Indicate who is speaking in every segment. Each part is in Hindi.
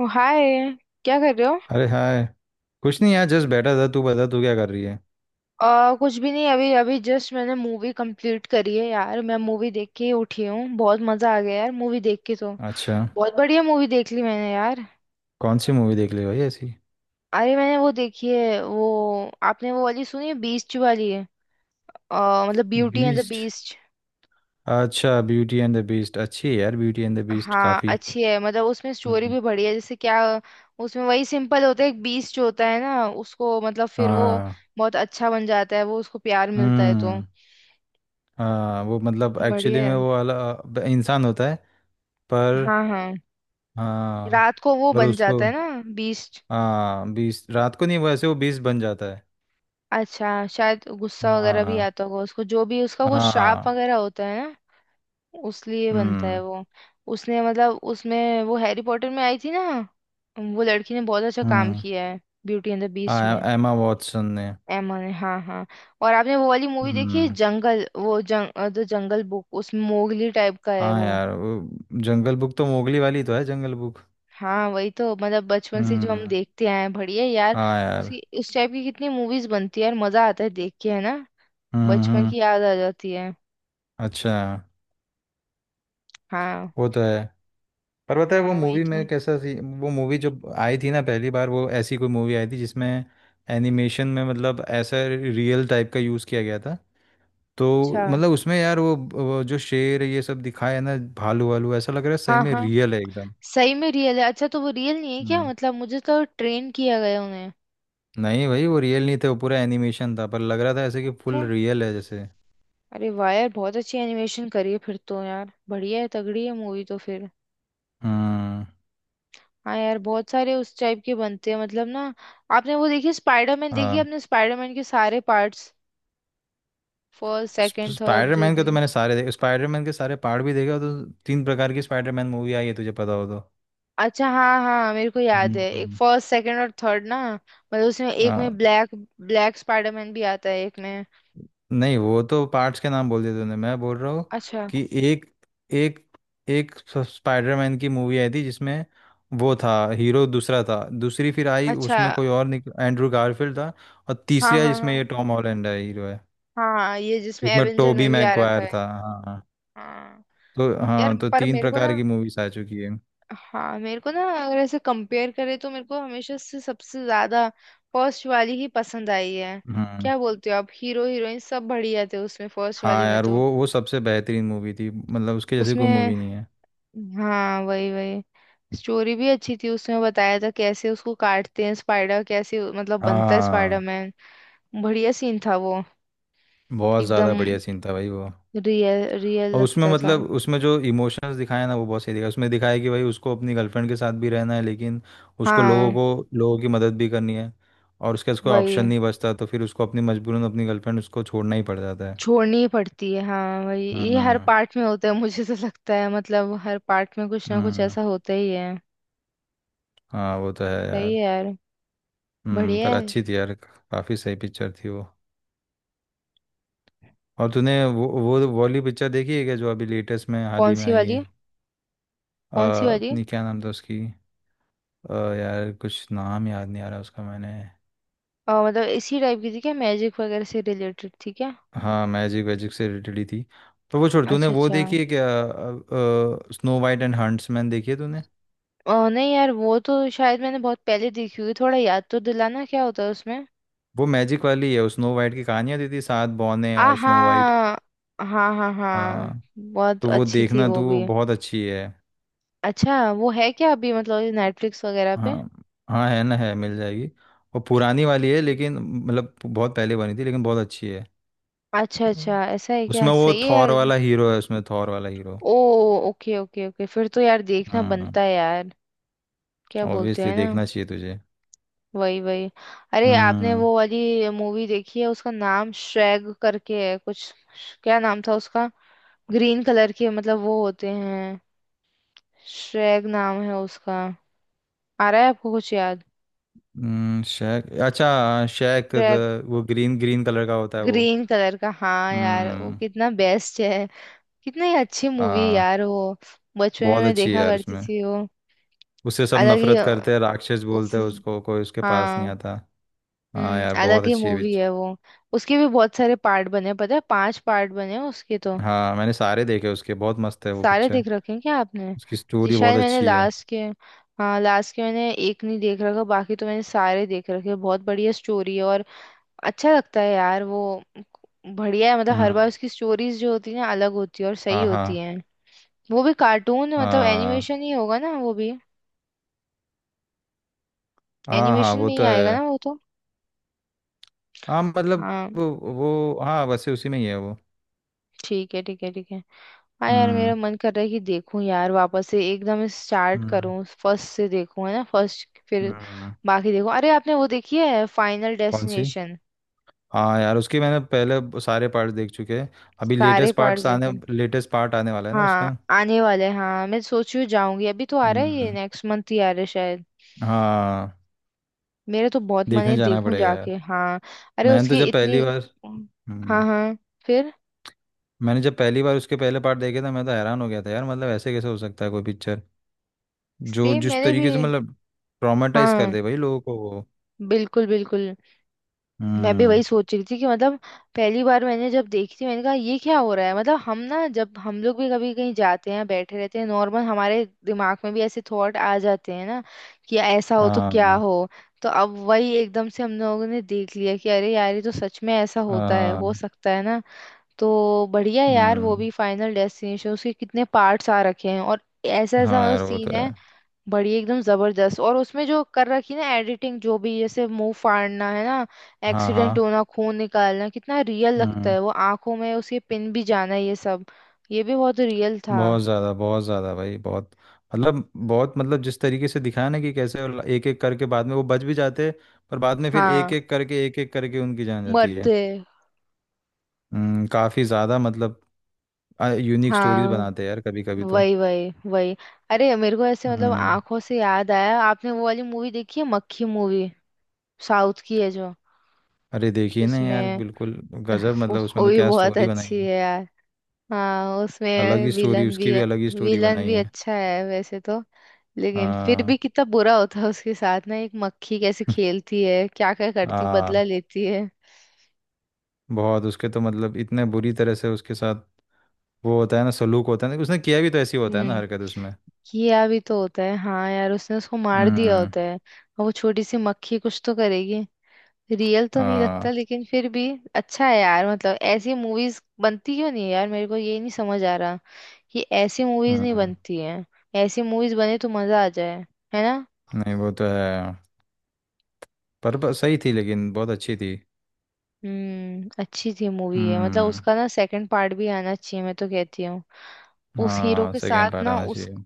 Speaker 1: ओ, हाय। क्या कर रहे हो?
Speaker 2: अरे हाय। कुछ नहीं यार जस्ट बैठा था। तू बता, तू क्या कर रही है।
Speaker 1: कुछ भी नहीं, अभी अभी जस्ट मैंने मूवी कंप्लीट करी है यार। मैं मूवी देख के ही उठी हूँ। बहुत मजा आ गया यार मूवी देख के तो।
Speaker 2: अच्छा।
Speaker 1: बहुत बढ़िया मूवी देख ली मैंने यार।
Speaker 2: कौन सी मूवी देख ली भाई ऐसी।
Speaker 1: अरे मैंने वो देखी है, वो आपने वो वाली सुनी है, बीस्ट वाली है। मतलब Beauty and the
Speaker 2: Beast.
Speaker 1: Beast.
Speaker 2: अच्छा, ब्यूटी एंड द बीस्ट अच्छी है यार। ब्यूटी एंड द बीस्ट
Speaker 1: हाँ
Speaker 2: काफ़ी।
Speaker 1: अच्छी है, मतलब उसमें स्टोरी
Speaker 2: हम्म।
Speaker 1: भी बढ़िया है, जैसे क्या, उसमें वही सिंपल होता है, एक बीस्ट जो होता है ना उसको मतलब फिर वो
Speaker 2: हाँ।
Speaker 1: बहुत अच्छा बन जाता है, वो उसको प्यार मिलता है तो
Speaker 2: हम्म। हाँ, वो मतलब एक्चुअली
Speaker 1: बढ़िया है।
Speaker 2: में वो वाला इंसान होता है। पर।
Speaker 1: हाँ हाँ,
Speaker 2: हाँ।
Speaker 1: रात को वो
Speaker 2: पर
Speaker 1: बन
Speaker 2: उसको।
Speaker 1: जाता है ना बीस्ट।
Speaker 2: हाँ, बीस रात को नहीं, वैसे वो बीस बन जाता है।
Speaker 1: अच्छा, शायद गुस्सा वगैरह भी
Speaker 2: हाँ।
Speaker 1: आता होगा उसको, जो भी उसका कुछ श्राप
Speaker 2: हाँ।
Speaker 1: वगैरह होता है ना उस लिए बनता है
Speaker 2: हम्म।
Speaker 1: वो। उसने मतलब उसमें वो हैरी पॉटर में आई थी ना, वो लड़की ने बहुत अच्छा काम
Speaker 2: हम्म।
Speaker 1: किया है ब्यूटी एंड द बीस्ट
Speaker 2: हाँ,
Speaker 1: में।
Speaker 2: एमा वॉटसन ने।
Speaker 1: एमा ने, हाँ हाँ। और आपने वो वाली मूवी देखी है
Speaker 2: हम्म।
Speaker 1: जंगल, वो जंग द जंगल बुक, उसमें मोगली टाइप का है
Speaker 2: हाँ
Speaker 1: वो।
Speaker 2: यार, वो जंगल बुक तो मोगली वाली तो है जंगल बुक।
Speaker 1: हाँ वही तो, मतलब बचपन से जो हम
Speaker 2: हम्म।
Speaker 1: देखते आए हैं, बढ़िया यार।
Speaker 2: हाँ यार।
Speaker 1: उसी उस टाइप की कितनी मूवीज बनती है यार, मजा आता है देख के, है ना।
Speaker 2: हम्म।
Speaker 1: बचपन
Speaker 2: हम्म।
Speaker 1: की याद आ जाती है।
Speaker 2: अच्छा।
Speaker 1: हाँ,
Speaker 2: वो तो है। पर पता है वो
Speaker 1: हाँ वही
Speaker 2: मूवी
Speaker 1: तो।
Speaker 2: में कैसा सी। वो मूवी जब आई थी ना पहली बार, वो ऐसी कोई मूवी आई थी जिसमें एनिमेशन में मतलब ऐसा रियल टाइप का यूज़ किया गया था तो
Speaker 1: अच्छा,
Speaker 2: मतलब उसमें यार वो जो शेर ये सब दिखाया है ना, भालू वालू ऐसा लग रहा है सही
Speaker 1: हाँ
Speaker 2: में
Speaker 1: हाँ,
Speaker 2: रियल है एकदम।
Speaker 1: सही में रियल है। अच्छा, तो वो रियल नहीं है क्या?
Speaker 2: हम्म।
Speaker 1: मतलब मुझे तो ट्रेन किया गया उन्हें।
Speaker 2: नहीं भाई वो रियल नहीं थे, वो पूरा एनिमेशन था, पर लग रहा था ऐसे कि
Speaker 1: अच्छा,
Speaker 2: फुल रियल है जैसे।
Speaker 1: अरे वाह यार बहुत अच्छी एनिमेशन करी है फिर तो यार, बढ़िया है, तगड़ी है मूवी तो फिर।
Speaker 2: हम्म।
Speaker 1: हाँ यार, बहुत सारे उस टाइप के बनते हैं मतलब ना। आपने वो देखी स्पाइडरमैन देखी है?
Speaker 2: हाँ।
Speaker 1: आपने स्पाइडरमैन के सारे पार्ट्स, फर्स्ट सेकंड थर्ड जो।
Speaker 2: स्पाइडरमैन के तो मैंने सारे देखे। स्पाइडरमैन के सारे पार्ट भी देखे हो तो तीन प्रकार की स्पाइडरमैन मूवी आई है तुझे पता हो तो।
Speaker 1: अच्छा हाँ हाँ, मेरे को याद है, एक
Speaker 2: हम्म।
Speaker 1: फर्स्ट सेकंड और थर्ड ना, मतलब उसमें एक
Speaker 2: आ,
Speaker 1: में ब्लैक ब्लैक स्पाइडरमैन भी आता है एक में।
Speaker 2: नहीं वो तो पार्ट्स के नाम बोल दिए तूने। मैं बोल रहा हूँ
Speaker 1: अच्छा
Speaker 2: कि एक एक एक स- स्पाइडरमैन की मूवी आई थी जिसमें वो था, हीरो दूसरा था। दूसरी फिर आई,
Speaker 1: अच्छा,
Speaker 2: उसमें कोई और निक एंड्रू गारफील्ड था। और
Speaker 1: हाँ
Speaker 2: तीसरी आई जिसमें
Speaker 1: हाँ,
Speaker 2: ये टॉम हॉलैंड है हीरो है।
Speaker 1: हाँ हाँ, ये जिसमें
Speaker 2: एक में
Speaker 1: एवेंजर में
Speaker 2: टोबी
Speaker 1: भी आ रखा
Speaker 2: मैगवायर
Speaker 1: है।
Speaker 2: था। हाँ।
Speaker 1: हाँ,
Speaker 2: तो
Speaker 1: यार
Speaker 2: हाँ, तो
Speaker 1: पर
Speaker 2: तीन
Speaker 1: मेरे को ना,
Speaker 2: प्रकार की मूवीज आ चुकी
Speaker 1: हाँ मेरे को ना, अगर ऐसे कंपेयर करे तो मेरे को हमेशा से सबसे ज्यादा फर्स्ट वाली ही पसंद आई है।
Speaker 2: है।
Speaker 1: क्या बोलते हो आप, हीरो हीरोइन सब बढ़िया थे उसमें, फर्स्ट वाली
Speaker 2: हाँ
Speaker 1: में
Speaker 2: यार,
Speaker 1: तो।
Speaker 2: वो सबसे बेहतरीन मूवी थी, मतलब उसके जैसी कोई
Speaker 1: उसमें
Speaker 2: मूवी नहीं है।
Speaker 1: हाँ वही वही, स्टोरी भी अच्छी थी, उसमें बताया था कैसे उसको काटते हैं स्पाइडर, कैसे मतलब बनता है
Speaker 2: हाँ।
Speaker 1: स्पाइडरमैन। बढ़िया सीन था वो,
Speaker 2: बहुत ज़्यादा
Speaker 1: एकदम
Speaker 2: बढ़िया सीन था भाई वो।
Speaker 1: रियल रियल
Speaker 2: और उसमें
Speaker 1: लगता था।
Speaker 2: मतलब उसमें जो इमोशंस दिखाए ना वो बहुत सही दिखाया, उसमें दिखाया कि भाई उसको अपनी गर्लफ्रेंड के साथ भी रहना है, लेकिन उसको लोगों
Speaker 1: हाँ
Speaker 2: को लोगों की मदद भी करनी है। और उसके पास कोई ऑप्शन
Speaker 1: वही,
Speaker 2: नहीं बचता, तो फिर उसको अपनी मजबूरन अपनी गर्लफ्रेंड उसको छोड़ना ही पड़ जाता है।
Speaker 1: छोड़नी ही पड़ती है, हाँ वही, ये हर
Speaker 2: हम्म।
Speaker 1: पार्ट में होता है, मुझे तो लगता है मतलब हर पार्ट में कुछ ना कुछ
Speaker 2: हम्म।
Speaker 1: ऐसा होता ही है।
Speaker 2: हाँ वो तो है
Speaker 1: सही
Speaker 2: यार।
Speaker 1: है यार,
Speaker 2: हम्म।
Speaker 1: बढ़िया
Speaker 2: पर
Speaker 1: है।
Speaker 2: अच्छी थी यार, काफ़ी सही पिक्चर थी वो। और तूने वो वाली पिक्चर देखी है क्या, जो अभी लेटेस्ट में हाल
Speaker 1: कौन
Speaker 2: ही में
Speaker 1: सी
Speaker 2: आई है।
Speaker 1: वाली?
Speaker 2: अ,
Speaker 1: कौन सी वाली?
Speaker 2: अपनी क्या नाम था उसकी। अ, यार कुछ नाम याद नहीं आ रहा उसका मैंने।
Speaker 1: मतलब इसी टाइप की थी क्या, मैजिक वगैरह से रिलेटेड थी क्या?
Speaker 2: हाँ, मैजिक वैजिक से रिलेटेड ही थी। तो वो छोड़, तूने
Speaker 1: अच्छा
Speaker 2: वो
Speaker 1: अच्छा।
Speaker 2: देखी है क्या, स्नो वाइट एंड हंट्समैन देखी है तूने।
Speaker 1: नहीं यार वो तो शायद मैंने बहुत पहले देखी हुई, थोड़ा याद तो दिलाना क्या होता है उसमें।
Speaker 2: वो मैजिक वाली है, स्नो वाइट की कहानियाँ दी थी, सात बौने
Speaker 1: आ
Speaker 2: और स्नो वाइट।
Speaker 1: हाँ, हाँ हाँ हाँ,
Speaker 2: हाँ।
Speaker 1: बहुत
Speaker 2: तो वो
Speaker 1: अच्छी थी
Speaker 2: देखना
Speaker 1: वो
Speaker 2: तू, वो
Speaker 1: भी।
Speaker 2: बहुत अच्छी है।
Speaker 1: अच्छा वो है क्या अभी, मतलब नेटफ्लिक्स वगैरह
Speaker 2: हाँ
Speaker 1: पे?
Speaker 2: हाँ, है ना, है, मिल जाएगी। वो पुरानी वाली है लेकिन, मतलब बहुत पहले बनी थी लेकिन बहुत अच्छी है।
Speaker 1: अच्छा
Speaker 2: हम्म।
Speaker 1: अच्छा, ऐसा है क्या,
Speaker 2: उसमें वो
Speaker 1: सही है
Speaker 2: थॉर
Speaker 1: यार।
Speaker 2: वाला हीरो है, उसमें थॉर वाला हीरो।
Speaker 1: ओ, ओके ओके ओके, फिर तो यार देखना
Speaker 2: हाँ।
Speaker 1: बनता है यार, क्या बोलते
Speaker 2: ऑब्वियसली
Speaker 1: हैं ना।
Speaker 2: देखना चाहिए तुझे।
Speaker 1: वही वही, अरे आपने
Speaker 2: हम्म।
Speaker 1: वो वाली मूवी देखी है, उसका नाम श्रैग करके है कुछ, क्या नाम था उसका, ग्रीन कलर के मतलब वो होते हैं, श्रेग नाम है उसका, आ रहा है आपको कुछ याद?
Speaker 2: शेक, अच्छा शेक द।
Speaker 1: श्रेग।
Speaker 2: वो ग्रीन ग्रीन कलर का होता है वो।
Speaker 1: ग्रीन कलर का हाँ यार, वो
Speaker 2: हम्म।
Speaker 1: कितना बेस्ट है, कितनी अच्छी मूवी
Speaker 2: हाँ
Speaker 1: यार वो। बचपन में
Speaker 2: बहुत
Speaker 1: मैं
Speaker 2: अच्छी है
Speaker 1: देखा
Speaker 2: यार,
Speaker 1: करती
Speaker 2: उसमें
Speaker 1: थी वो।
Speaker 2: उससे सब
Speaker 1: अलग ही
Speaker 2: नफरत
Speaker 1: अ,
Speaker 2: करते हैं, राक्षस
Speaker 1: उस
Speaker 2: बोलते हैं उसको, कोई उसके पास नहीं
Speaker 1: हाँ
Speaker 2: आता। हाँ
Speaker 1: हम्म,
Speaker 2: यार बहुत
Speaker 1: अलग ही
Speaker 2: अच्छी है
Speaker 1: मूवी है वो। उसके भी बहुत सारे पार्ट बने, पता है 5 पार्ट बने हैं उसके तो।
Speaker 2: हाँ मैंने सारे देखे उसके, बहुत मस्त है वो
Speaker 1: सारे
Speaker 2: पिक्चर।
Speaker 1: देख रखे हैं क्या आपने?
Speaker 2: उसकी
Speaker 1: जी
Speaker 2: स्टोरी बहुत
Speaker 1: शायद मैंने
Speaker 2: अच्छी है।
Speaker 1: लास्ट के, हाँ लास्ट के मैंने एक नहीं देख रखा, बाकी तो मैंने सारे देख रखे हैं। बहुत बढ़िया स्टोरी है, और अच्छा लगता है यार वो। बढ़िया है, मतलब हर बार
Speaker 2: हम्म।
Speaker 1: उसकी स्टोरीज जो होती है ना, अलग होती है और सही
Speaker 2: हाँ
Speaker 1: होती
Speaker 2: हाँ।
Speaker 1: है। वो भी कार्टून मतलब
Speaker 2: हाँ।
Speaker 1: एनिमेशन ही होगा ना वो भी,
Speaker 2: हाँ हाँ।
Speaker 1: एनिमेशन
Speaker 2: वो
Speaker 1: में ही
Speaker 2: तो
Speaker 1: आएगा ना
Speaker 2: है।
Speaker 1: वो तो।
Speaker 2: हाँ मतलब।
Speaker 1: हाँ,
Speaker 2: वो हाँ, वैसे उसी में ही है वो।
Speaker 1: ठीक है ठीक है ठीक है। हाँ यार,
Speaker 2: हम्म।
Speaker 1: मेरा मन कर रहा है कि देखूं यार वापस से, एकदम स्टार्ट
Speaker 2: हम्म।
Speaker 1: करूं, फर्स्ट से देखूं है ना, फर्स्ट फिर
Speaker 2: हम्म।
Speaker 1: बाकी देखूं। अरे आपने वो देखी है फाइनल
Speaker 2: कौन सी।
Speaker 1: डेस्टिनेशन?
Speaker 2: हाँ यार उसके मैंने पहले सारे पार्ट देख चुके हैं। अभी
Speaker 1: सारे पार्ट देखे?
Speaker 2: लेटेस्ट पार्ट आने वाला है ना
Speaker 1: हाँ
Speaker 2: उसका।
Speaker 1: आने वाले हैं, हाँ मैं सोच रही हूँ जाऊंगी, अभी तो आ रहा है ये,
Speaker 2: हम्म।
Speaker 1: नेक्स्ट मंथ ही आ रहा है शायद।
Speaker 2: हाँ।
Speaker 1: मेरा तो बहुत मन
Speaker 2: देखने
Speaker 1: है,
Speaker 2: जाना
Speaker 1: देखूं
Speaker 2: पड़ेगा यार।
Speaker 1: जाके, हाँ। अरे
Speaker 2: मैंने तो
Speaker 1: उसकी
Speaker 2: जब पहली
Speaker 1: इतनी,
Speaker 2: बार।
Speaker 1: हाँ
Speaker 2: हम्म।
Speaker 1: हाँ, फिर,
Speaker 2: मैंने जब पहली बार उसके पहले पार्ट देखे थे, मैं तो हैरान हो गया था यार, मतलब ऐसे कैसे हो सकता है कोई पिक्चर, जो
Speaker 1: सेम
Speaker 2: जिस
Speaker 1: मैंने भी,
Speaker 2: तरीके से मतलब ट्रॉमेटाइज कर
Speaker 1: हाँ
Speaker 2: दे भाई लोगों को वो।
Speaker 1: बिल्कुल बिल्कुल। मैं भी वही
Speaker 2: हम्म।
Speaker 1: सोच रही थी कि मतलब पहली बार मैंने जब देखी थी, मैंने कहा ये क्या हो रहा है, मतलब हम ना, जब हम लोग भी कभी कहीं जाते हैं बैठे रहते हैं नॉर्मल, हमारे दिमाग में भी ऐसे थॉट आ जाते हैं ना, कि ऐसा हो तो
Speaker 2: हाँ
Speaker 1: क्या
Speaker 2: हाँ।
Speaker 1: हो। तो अब वही एकदम से हम लोगों ने देख लिया कि अरे यार ये तो सच में ऐसा होता है, हो
Speaker 2: हाँ,
Speaker 1: सकता है ना। तो बढ़िया यार, वो
Speaker 2: हम्म।
Speaker 1: भी फाइनल डेस्टिनेशन, उसके कितने पार्ट्स आ रखे हैं और ऐसा ऐसा
Speaker 2: हाँ
Speaker 1: मतलब
Speaker 2: यार वो तो
Speaker 1: सीन
Speaker 2: है।
Speaker 1: है, बढ़िया एकदम जबरदस्त। और उसमें जो कर रखी ना एडिटिंग, जो भी जैसे मुंह फाड़ना है ना,
Speaker 2: हाँ
Speaker 1: एक्सीडेंट
Speaker 2: हाँ।
Speaker 1: होना, खून निकालना, कितना रियल लगता
Speaker 2: हम्म।
Speaker 1: है वो, आंखों में उसके पिन भी जाना, ये सब, ये भी बहुत रियल था।
Speaker 2: बहुत ज़्यादा भाई बहुत। मतलब बहुत, मतलब जिस तरीके से दिखाया ना, कि कैसे एक एक करके बाद में वो बच भी जाते, पर बाद में फिर
Speaker 1: हाँ,
Speaker 2: एक एक करके उनकी जान जाती है।
Speaker 1: मरते,
Speaker 2: हम्म, काफ़ी ज़्यादा, मतलब यूनिक स्टोरीज
Speaker 1: हाँ
Speaker 2: बनाते हैं यार कभी कभी तो।
Speaker 1: वही वही वही। अरे मेरे को ऐसे मतलब
Speaker 2: हम्म।
Speaker 1: आंखों से याद आया, आपने वो वाली मूवी देखी है मक्खी मूवी, साउथ की है जो,
Speaker 2: अरे देखिए ना यार,
Speaker 1: जिसमें,
Speaker 2: बिल्कुल गजब, मतलब उसमें
Speaker 1: वो
Speaker 2: तो
Speaker 1: भी
Speaker 2: क्या
Speaker 1: बहुत
Speaker 2: स्टोरी बनाई
Speaker 1: अच्छी
Speaker 2: है।
Speaker 1: है यार। हाँ
Speaker 2: अलग
Speaker 1: उसमें
Speaker 2: ही स्टोरी,
Speaker 1: विलन
Speaker 2: उसकी
Speaker 1: भी,
Speaker 2: भी अलग ही स्टोरी
Speaker 1: विलन
Speaker 2: बनाई
Speaker 1: भी
Speaker 2: है।
Speaker 1: अच्छा है वैसे तो, लेकिन फिर
Speaker 2: हाँ
Speaker 1: भी कितना बुरा होता है उसके साथ ना, एक मक्खी कैसे खेलती है क्या क्या करती,
Speaker 2: हाँ।
Speaker 1: बदला लेती है।
Speaker 2: बहुत उसके तो मतलब इतने बुरी तरह से उसके साथ, वो होता है ना सलूक, होता है ना, उसने किया भी तो, ऐसी होता है ना
Speaker 1: हम्म,
Speaker 2: हरकत उसमें।
Speaker 1: किया भी तो होता है, हाँ यार उसने उसको मार दिया
Speaker 2: हम्म।
Speaker 1: होता है, और वो छोटी सी मक्खी कुछ तो करेगी। रियल तो नहीं लगता
Speaker 2: हाँ।
Speaker 1: लेकिन फिर भी अच्छा है यार। मतलब ऐसी मूवीज बनती क्यों नहीं है यार, मेरे को ये नहीं समझ आ रहा, ये ऐसी मूवीज नहीं
Speaker 2: हम्म,
Speaker 1: बनती हैं। ऐसी मूवीज बने तो मजा आ जाए, है ना।
Speaker 2: नहीं वो तो है। पर सही थी, लेकिन बहुत अच्छी थी।
Speaker 1: हम्म, अच्छी थी मूवी है, मतलब
Speaker 2: हम्म।
Speaker 1: उसका ना सेकंड पार्ट भी आना चाहिए, मैं तो कहती हूँ। उस हीरो
Speaker 2: हाँ,
Speaker 1: के
Speaker 2: सेकेंड
Speaker 1: साथ
Speaker 2: पार्ट
Speaker 1: ना,
Speaker 2: आना
Speaker 1: उस
Speaker 2: चाहिए।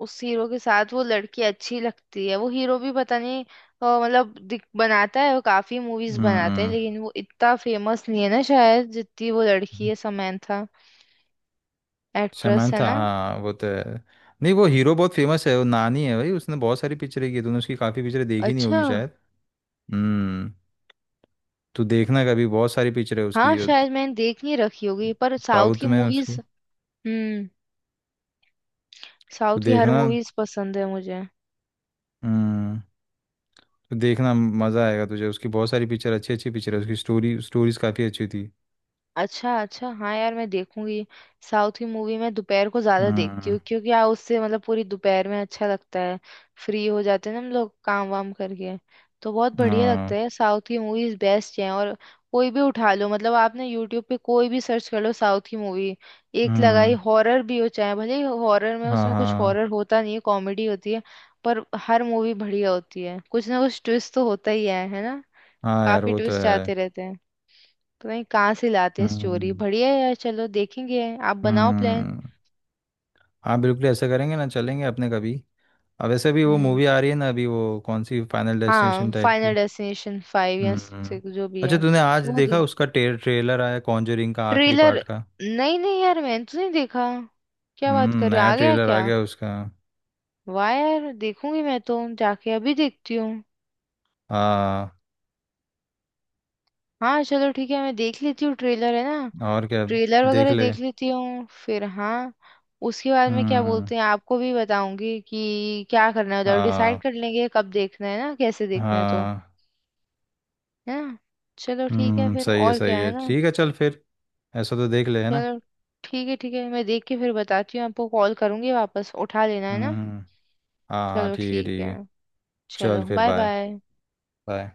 Speaker 1: उस हीरो के साथ वो लड़की अच्छी लगती है, वो हीरो भी पता नहीं, मतलब बनाता है वो, काफी मूवीज बनाता है,
Speaker 2: हम्म।
Speaker 1: लेकिन वो इतना फेमस नहीं है ना शायद, जितनी वो लड़की है समंथा, एक्ट्रेस है
Speaker 2: शमंथा,
Speaker 1: ना।
Speaker 2: हाँ वो तो है। नहीं, वो हीरो बहुत फेमस है, वो नानी है भाई, उसने बहुत सारी पिक्चरें की, तूने उसकी काफ़ी पिक्चरें देखी नहीं
Speaker 1: अच्छा,
Speaker 2: होगी शायद। हम्म। तू देखना कभी, बहुत सारी पिक्चरें
Speaker 1: हाँ
Speaker 2: उसकी।
Speaker 1: शायद मैंने देख नहीं रखी होगी पर साउथ
Speaker 2: साउथ
Speaker 1: की
Speaker 2: में
Speaker 1: मूवीज,
Speaker 2: उसकी।
Speaker 1: हम्म, साउथ
Speaker 2: तू
Speaker 1: की हर
Speaker 2: देखना।
Speaker 1: मूवीज पसंद है मुझे।
Speaker 2: हम्म। तू देखना, मज़ा आएगा तुझे, उसकी बहुत सारी पिक्चर, अच्छी अच्छी पिक्चर है उसकी। स्टोरीज काफ़ी अच्छी थी।
Speaker 1: अच्छा अच्छा, हाँ यार मैं देखूंगी। साउथ की मूवी मैं दोपहर को ज्यादा देखती
Speaker 2: हम्म।
Speaker 1: हूँ, क्योंकि यार उससे मतलब पूरी दोपहर में अच्छा लगता है, फ्री हो जाते हैं ना हम लोग काम वाम करके, तो बहुत बढ़िया लगता
Speaker 2: हाँ।
Speaker 1: है। साउथ की मूवीज बेस्ट हैं, और कोई भी उठा लो, मतलब आपने यूट्यूब पे कोई भी सर्च कर लो साउथ की मूवी, एक लगाई,
Speaker 2: हम्म।
Speaker 1: हॉरर भी हो चाहे, भले हॉरर में
Speaker 2: हाँ।
Speaker 1: उसमें कुछ
Speaker 2: हाँ।
Speaker 1: हॉरर होता नहीं है, कॉमेडी होती है, पर हर मूवी बढ़िया होती है, कुछ ना कुछ ट्विस्ट तो होता ही है ना,
Speaker 2: हाँ यार
Speaker 1: काफी
Speaker 2: वो तो
Speaker 1: ट्विस्ट
Speaker 2: है।
Speaker 1: आते रहते हैं, तो भाई कहाँ से लाते हैं स्टोरी,
Speaker 2: हम्म।
Speaker 1: बढ़िया है यार, चलो देखेंगे। आप बनाओ प्लान।
Speaker 2: हम्म। हाँ बिल्कुल, ऐसा करेंगे ना, चलेंगे अपने कभी। अब वैसे भी वो
Speaker 1: हम्म,
Speaker 2: मूवी आ रही है ना अभी, वो कौन सी फाइनल
Speaker 1: हाँ
Speaker 2: डेस्टिनेशन टाइप
Speaker 1: फाइनल
Speaker 2: की।
Speaker 1: डेस्टिनेशन 5 या
Speaker 2: हम्म।
Speaker 1: 6 जो भी
Speaker 2: अच्छा,
Speaker 1: है।
Speaker 2: तूने आज
Speaker 1: तो वो
Speaker 2: देखा
Speaker 1: देख
Speaker 2: उसका ट्रेलर आया कॉन्जरिंग का आखिरी
Speaker 1: ट्रेलर,
Speaker 2: पार्ट का।
Speaker 1: नहीं नहीं यार मैंने तो नहीं देखा, क्या बात कर रहे हो
Speaker 2: नया
Speaker 1: आ गया
Speaker 2: ट्रेलर आ
Speaker 1: क्या?
Speaker 2: गया उसका।
Speaker 1: वाह यार देखूंगी, मैं तो जाके अभी देखती हूँ।
Speaker 2: हाँ।
Speaker 1: हाँ चलो ठीक है, मैं देख लेती हूँ ट्रेलर है ना,
Speaker 2: और क्या।
Speaker 1: ट्रेलर
Speaker 2: देख
Speaker 1: वगैरह
Speaker 2: ले।
Speaker 1: देख लेती हूँ फिर, हाँ उसके बाद में क्या
Speaker 2: हम्म।
Speaker 1: बोलते हैं आपको भी बताऊंगी, कि क्या करना है उधर, डिसाइड
Speaker 2: हाँ।
Speaker 1: कर लेंगे कब देखना है ना, कैसे देखना है तो।
Speaker 2: हाँ।
Speaker 1: है ना, चलो ठीक है फिर,
Speaker 2: सही है
Speaker 1: और क्या,
Speaker 2: सही
Speaker 1: है
Speaker 2: है,
Speaker 1: ना,
Speaker 2: ठीक है, चल फिर। ऐसा तो देख ले, है ना।
Speaker 1: चलो ठीक है ठीक है, मैं देख के फिर बताती हूँ आपको, कॉल करूंगी वापस उठा लेना है ना।
Speaker 2: हम्म। हाँ। हाँ
Speaker 1: चलो
Speaker 2: ठीक है
Speaker 1: ठीक
Speaker 2: ठीक
Speaker 1: है।
Speaker 2: है,
Speaker 1: चलो
Speaker 2: चल फिर
Speaker 1: बाय
Speaker 2: बाय।
Speaker 1: बाय।
Speaker 2: बाय।